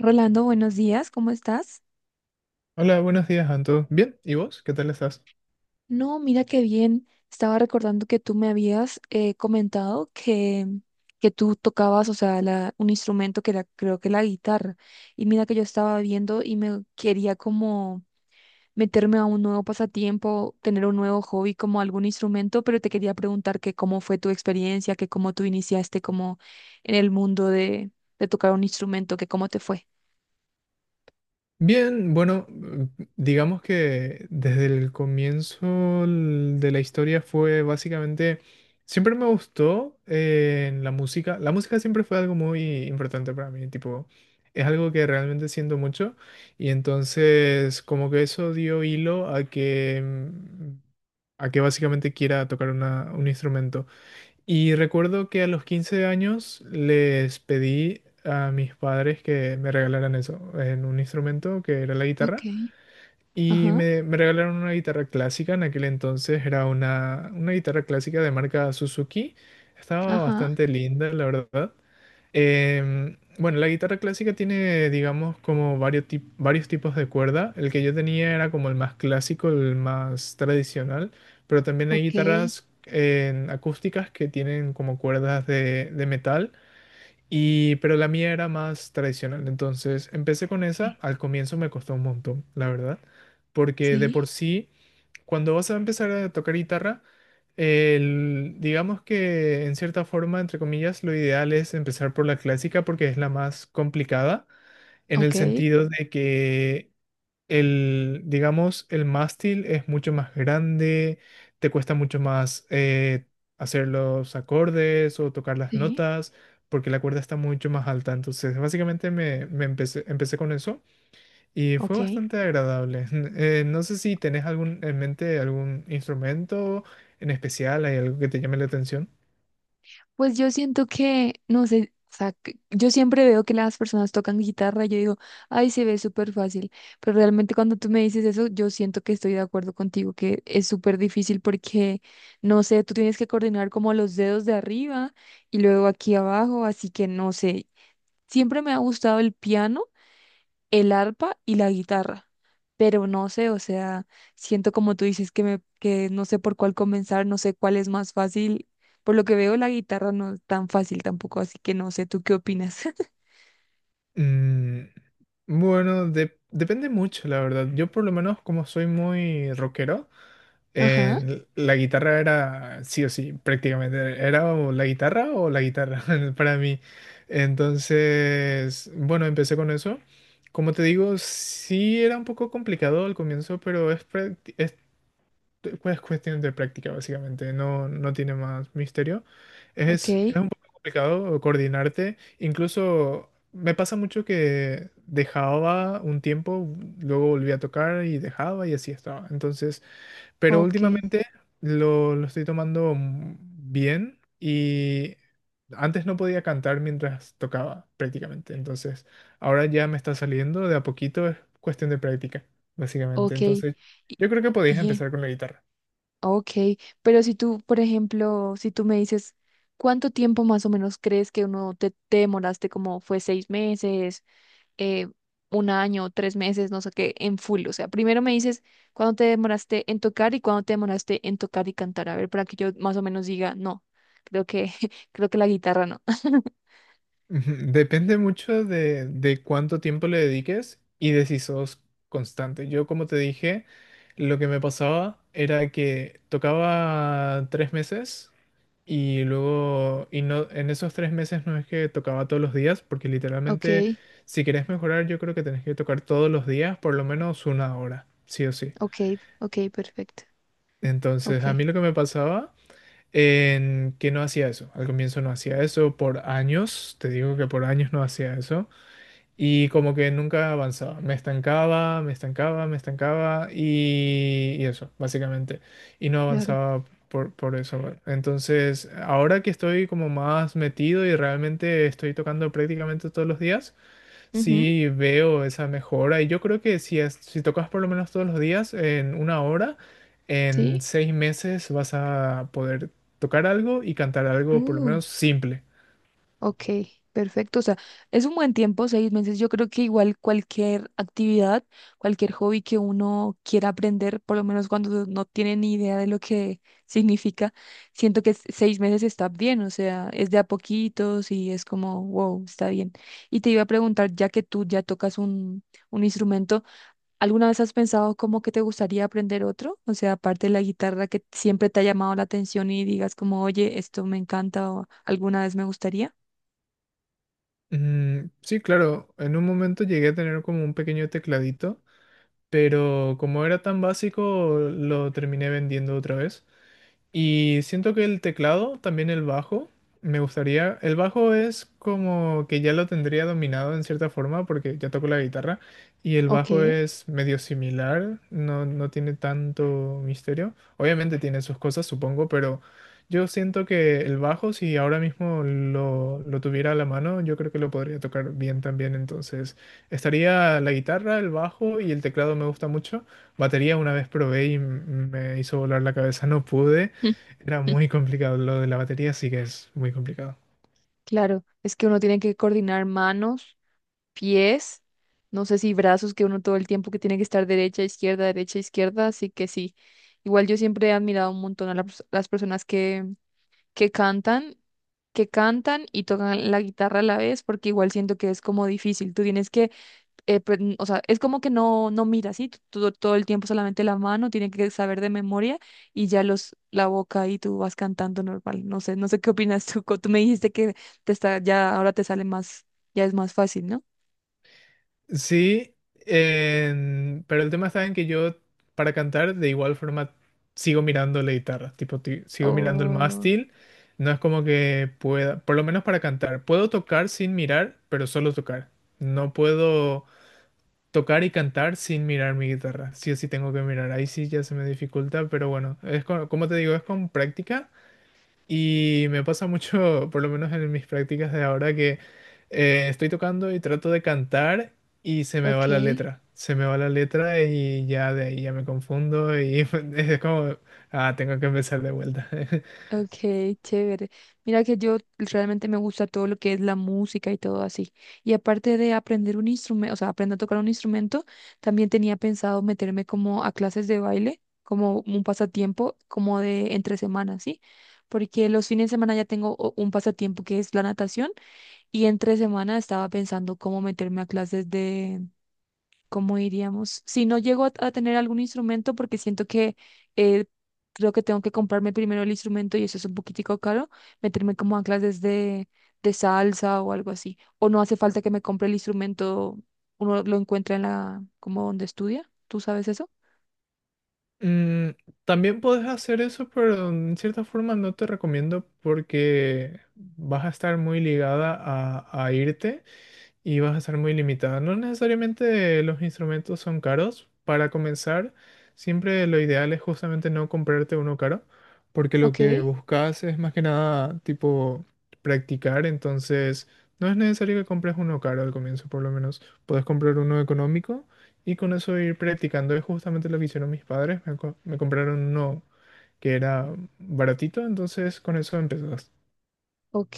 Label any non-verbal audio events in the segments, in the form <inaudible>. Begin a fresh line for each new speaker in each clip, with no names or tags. Rolando, buenos días, ¿cómo estás?
Hola, buenos días, Anto. Bien, ¿y vos? ¿Qué tal estás?
No, mira qué bien. Estaba recordando que tú me habías comentado que tú tocabas, o sea, un instrumento que era, creo que la guitarra. Y mira que yo estaba viendo y me quería como meterme a un nuevo pasatiempo, tener un nuevo hobby como algún instrumento, pero te quería preguntar que cómo fue tu experiencia, que cómo tú iniciaste como en el mundo de tocar un instrumento, que cómo te fue.
Bien, bueno, mm, digamos que desde el comienzo de la historia fue básicamente, siempre me gustó en la música. La música siempre fue algo muy importante para mí, tipo, es algo que realmente siento mucho y entonces como que eso dio hilo a que, mm, a que básicamente quiera tocar un instrumento. Y recuerdo que a los 15 años les pedí a mis padres que me regalaran eso, en un instrumento que era la
Ok.
guitarra. Y
Ajá.
me regalaron una guitarra clásica, en aquel entonces era una guitarra clásica de marca Suzuki, estaba
Ajá,
bastante linda, la verdad. Bueno, la guitarra clásica tiene, digamos, como varios, varios tipos de cuerda. El que yo tenía era como el más clásico, el más tradicional, pero también hay
ok.
guitarras en acústicas que tienen como cuerdas de metal y, pero la mía era más tradicional, entonces empecé con esa. Al comienzo me costó un montón, la verdad, porque de
Sí.
por sí, cuando vas a empezar a tocar guitarra, digamos que en cierta forma, entre comillas, lo ideal es empezar por la clásica porque es la más complicada, en el
Ok,
sentido de que el, digamos, el mástil es mucho más grande, te cuesta mucho más hacer los acordes o tocar las
sí,
notas, porque la cuerda está mucho más alta. Entonces, básicamente me empecé, empecé con eso y fue
ok.
bastante agradable. <laughs> No sé si tenés algún, en mente algún instrumento en especial, hay algo que te llame la atención.
Pues yo siento que, no sé, o sea, yo siempre veo que las personas tocan guitarra y yo digo, ay, se ve súper fácil, pero realmente cuando tú me dices eso, yo siento que estoy de acuerdo contigo, que es súper difícil porque, no sé, tú tienes que coordinar como los dedos de arriba y luego aquí abajo, así que no sé, siempre me ha gustado el piano, el arpa y la guitarra. Pero no sé, o sea, siento como tú dices que no sé por cuál comenzar, no sé cuál es más fácil. Por lo que veo, la guitarra no es tan fácil tampoco, así que no sé, ¿tú qué opinas? <laughs>
Mm, bueno, depende mucho, la verdad. Yo por lo menos como soy muy rockero,
Ajá,
La guitarra era sí o sí, prácticamente. Era o la guitarra <laughs> para mí. Entonces, bueno, empecé con eso. Como te digo, sí era un poco complicado al comienzo, pero es cuestión de práctica, básicamente. No, no tiene más misterio.
ok,
Es un poco complicado coordinarte. Incluso me pasa mucho que dejaba un tiempo, luego volvía a tocar y dejaba y así estaba. Entonces... Pero
ok,
últimamente lo estoy tomando mm, bien y antes no podía cantar mientras tocaba prácticamente. Entonces, ahora ya me está saliendo de a poquito, es cuestión de práctica, básicamente.
ok,
Entonces,
y-
yo creo que podías
bien,
empezar con la guitarra.
ok. Pero si tú, por ejemplo, si tú me dices, ¿cuánto tiempo más o menos crees que uno te demoraste? Como fue 6 meses, eh, 1 año, 3 meses, no sé qué, en full. O sea, primero me dices cuándo te demoraste en tocar y cuándo te demoraste en tocar y cantar. A ver, para que yo más o menos diga, no, creo que, <laughs> creo que la guitarra no. <laughs>
Ujú, depende mucho de cuánto tiempo le dediques y de si sos constante. Yo, como te dije, lo que me pasaba era que tocaba 3 meses y luego, y no, en esos 3 meses no es que tocaba todos los días, porque
Ok,
literalmente, si querés mejorar, yo creo que tenés que tocar todos los días por lo menos una hora, sí o sí.
ok, ok, perfecto.
Entonces,
Ok,
a mí lo que me pasaba en que no hacía eso. Al comienzo no hacía eso por años, te digo que por años no hacía eso. Y como que nunca avanzaba, me estancaba y eso, básicamente. Y no
claro.
avanzaba por eso. Bueno. Entonces, ahora que estoy como más metido y realmente estoy tocando prácticamente todos los días,
Ujú,
sí veo esa mejora. Y yo creo que si, si tocas por lo menos todos los días, en una hora, en
sí.
6 meses vas a poder tocar algo y cantar algo por lo menos simple.
Ok, perfecto. O sea, es un buen tiempo, 6 meses. Yo creo que igual cualquier actividad, cualquier hobby que uno quiera aprender, por lo menos cuando no tiene ni idea de lo que <laughs> significa, siento que 6 meses está bien. O sea, es de a poquitos y es como, wow, está bien. Y te iba a preguntar, ya que tú ya tocas un instrumento, ¿alguna vez has pensado cómo que te gustaría aprender otro? O sea, aparte de la guitarra que siempre te ha llamado la atención y digas como, oye, esto me encanta o alguna vez me gustaría.
Mm, sí, claro, en un momento llegué a tener como un pequeño tecladito, pero como era tan básico, lo terminé vendiendo otra vez. Y siento que el teclado, también el bajo, me gustaría. El bajo es como que ya lo tendría dominado en cierta forma porque ya toco la guitarra y el
Ok.
bajo es medio similar, no, no tiene tanto misterio. Obviamente tiene sus cosas, supongo, pero yo siento que el bajo, si ahora mismo lo tuviera a la mano, yo creo que lo podría tocar bien también. Entonces, estaría la guitarra, el bajo y el teclado me gusta mucho. Batería una vez probé y me hizo volar la cabeza, no pude. Era muy
<laughs>
complicado lo de la batería, sí que es muy complicado.
Claro. Es que uno tiene que coordinar manos, pies, no sé si brazos, que uno todo el tiempo que tiene que estar derecha, izquierda, así que sí. Igual yo siempre he admirado un montón a las personas que cantan, que cantan y tocan la guitarra a la vez, porque igual siento que es como difícil. Tú tienes que pues, o sea, es como que no, no mira, ¿sí? Todo, todo el tiempo solamente la mano, tiene que saber de memoria y ya los, la boca y tú vas cantando normal. No sé, no sé qué opinas tú. Tú me dijiste que te está, ya ahora te sale más, ya es más fácil, ¿no?
Sí, pero el tema está en que yo para cantar de igual forma sigo mirando la guitarra, sigo mirando el
Oh,
mástil, no es como que pueda, por lo menos para cantar, puedo tocar sin mirar, pero solo tocar. No puedo tocar y cantar sin mirar mi guitarra, sí o sí tengo que mirar, ahí sí ya se me dificulta, pero bueno, como te digo, es con práctica. Y me pasa mucho, por lo menos en mis prácticas de ahora, que estoy tocando y trato de cantar y se me
ok.
va la letra. Se me va la letra y ya de ahí ya me confundo y <laughs> es como, ah, tengo que empezar de vuelta. <laughs>
Ok, chévere. Mira que yo realmente me gusta todo lo que es la música y todo así. Y aparte de aprender un instrumento, o sea, aprender a tocar un instrumento, también tenía pensado meterme como a clases de baile, como un pasatiempo, como de entre semanas, ¿sí? Porque los fines de semana ya tengo un pasatiempo que es la natación y entre semana estaba pensando cómo meterme a clases. ¿Cómo iríamos? Si no llego a tener algún instrumento, porque siento que eh, creo que tengo que comprarme primero el instrumento y eso es un poquitico caro, meterme como a clases de salsa o algo así. O no hace falta que me compre el instrumento, uno lo encuentra en la, como donde estudia. ¿Tú sabes eso?
Mm, también puedes hacer eso, pero en cierta forma no te recomiendo porque vas a estar muy ligada a irte. Y vas a estar muy limitada. No necesariamente los instrumentos son caros. Para comenzar, siempre lo ideal es justamente no comprarte uno caro, porque lo
Ok.
que buscas es más que nada tipo practicar, entonces no es necesario que compres uno caro al comienzo, por lo menos. Puedes comprar uno económico y con eso ir practicando. Es justamente lo que hicieron mis padres, me compraron uno que era baratito, entonces con eso empezas.
Ok,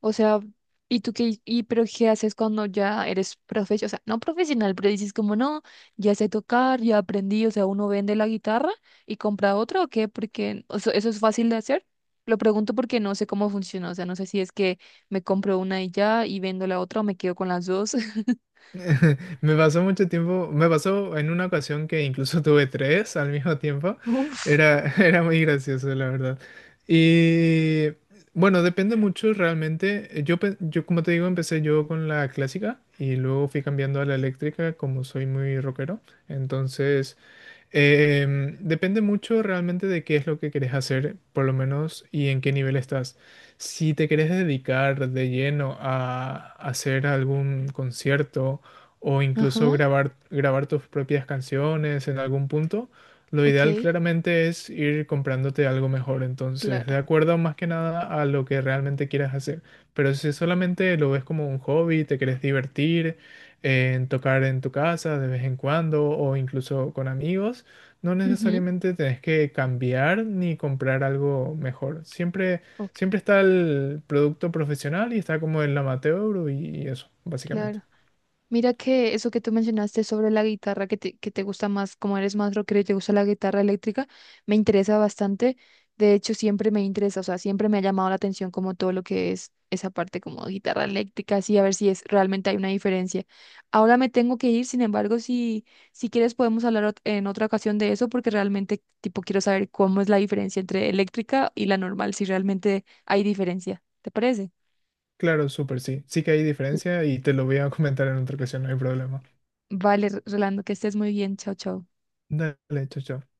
o sea, ¿y tú y pero qué haces cuando ya eres profesional? O sea, no profesional, pero dices como no, ya sé tocar, ya aprendí, o sea, uno vende la guitarra y compra otra o qué, porque o sea, eso es fácil de hacer. Lo pregunto porque no sé cómo funciona, o sea, no sé si es que me compro una y ya y vendo la otra o me quedo con las dos. <laughs>
<laughs> Me pasó mucho tiempo, me pasó en una ocasión que incluso <laughs> tuve tres al mismo tiempo.
Uf.
Era, <laughs> era muy gracioso, la verdad. Y bueno, depende mucho realmente. Yo, como te digo, empecé yo con la clásica y luego fui cambiando a la eléctrica como soy muy rockero. Entonces... Depende mucho realmente de qué es lo que querés hacer, por lo menos, y en qué nivel estás. Si te querés dedicar de lleno a hacer algún concierto o incluso
Ajá,
grabar, grabar tus propias canciones en algún punto, lo
ok,
ideal claramente es ir comprándote algo mejor. Entonces,
claro.
de acuerdo más que nada a lo que realmente quieras hacer. Pero si solamente lo ves como un hobby, te querés divertir en tocar en tu casa de vez en cuando o incluso con amigos, no
Ujú,
necesariamente tenés que cambiar ni comprar algo mejor. Siempre,
ok,
siempre está el producto profesional y está como el amateur y eso, básicamente.
claro. Mira que eso que tú mencionaste sobre la guitarra, que te gusta más, como eres más rockero y te gusta la guitarra eléctrica, me interesa bastante. De hecho, siempre me interesa, o sea, siempre me ha llamado la atención como todo lo que es esa parte como guitarra eléctrica, así a ver si es realmente hay una diferencia. Ahora me tengo que ir, sin embargo, si quieres podemos hablar en otra ocasión de eso, porque realmente tipo quiero saber cómo es la diferencia entre eléctrica y la normal, si realmente hay diferencia. ¿Te parece?
Claro, súper sí. Sí que hay diferencia y te lo voy a <laughs> comentar en otra ocasión, no hay problema.
Vale, Rolando, que estés muy bien. Chao, chao.
Dale, chao, chao.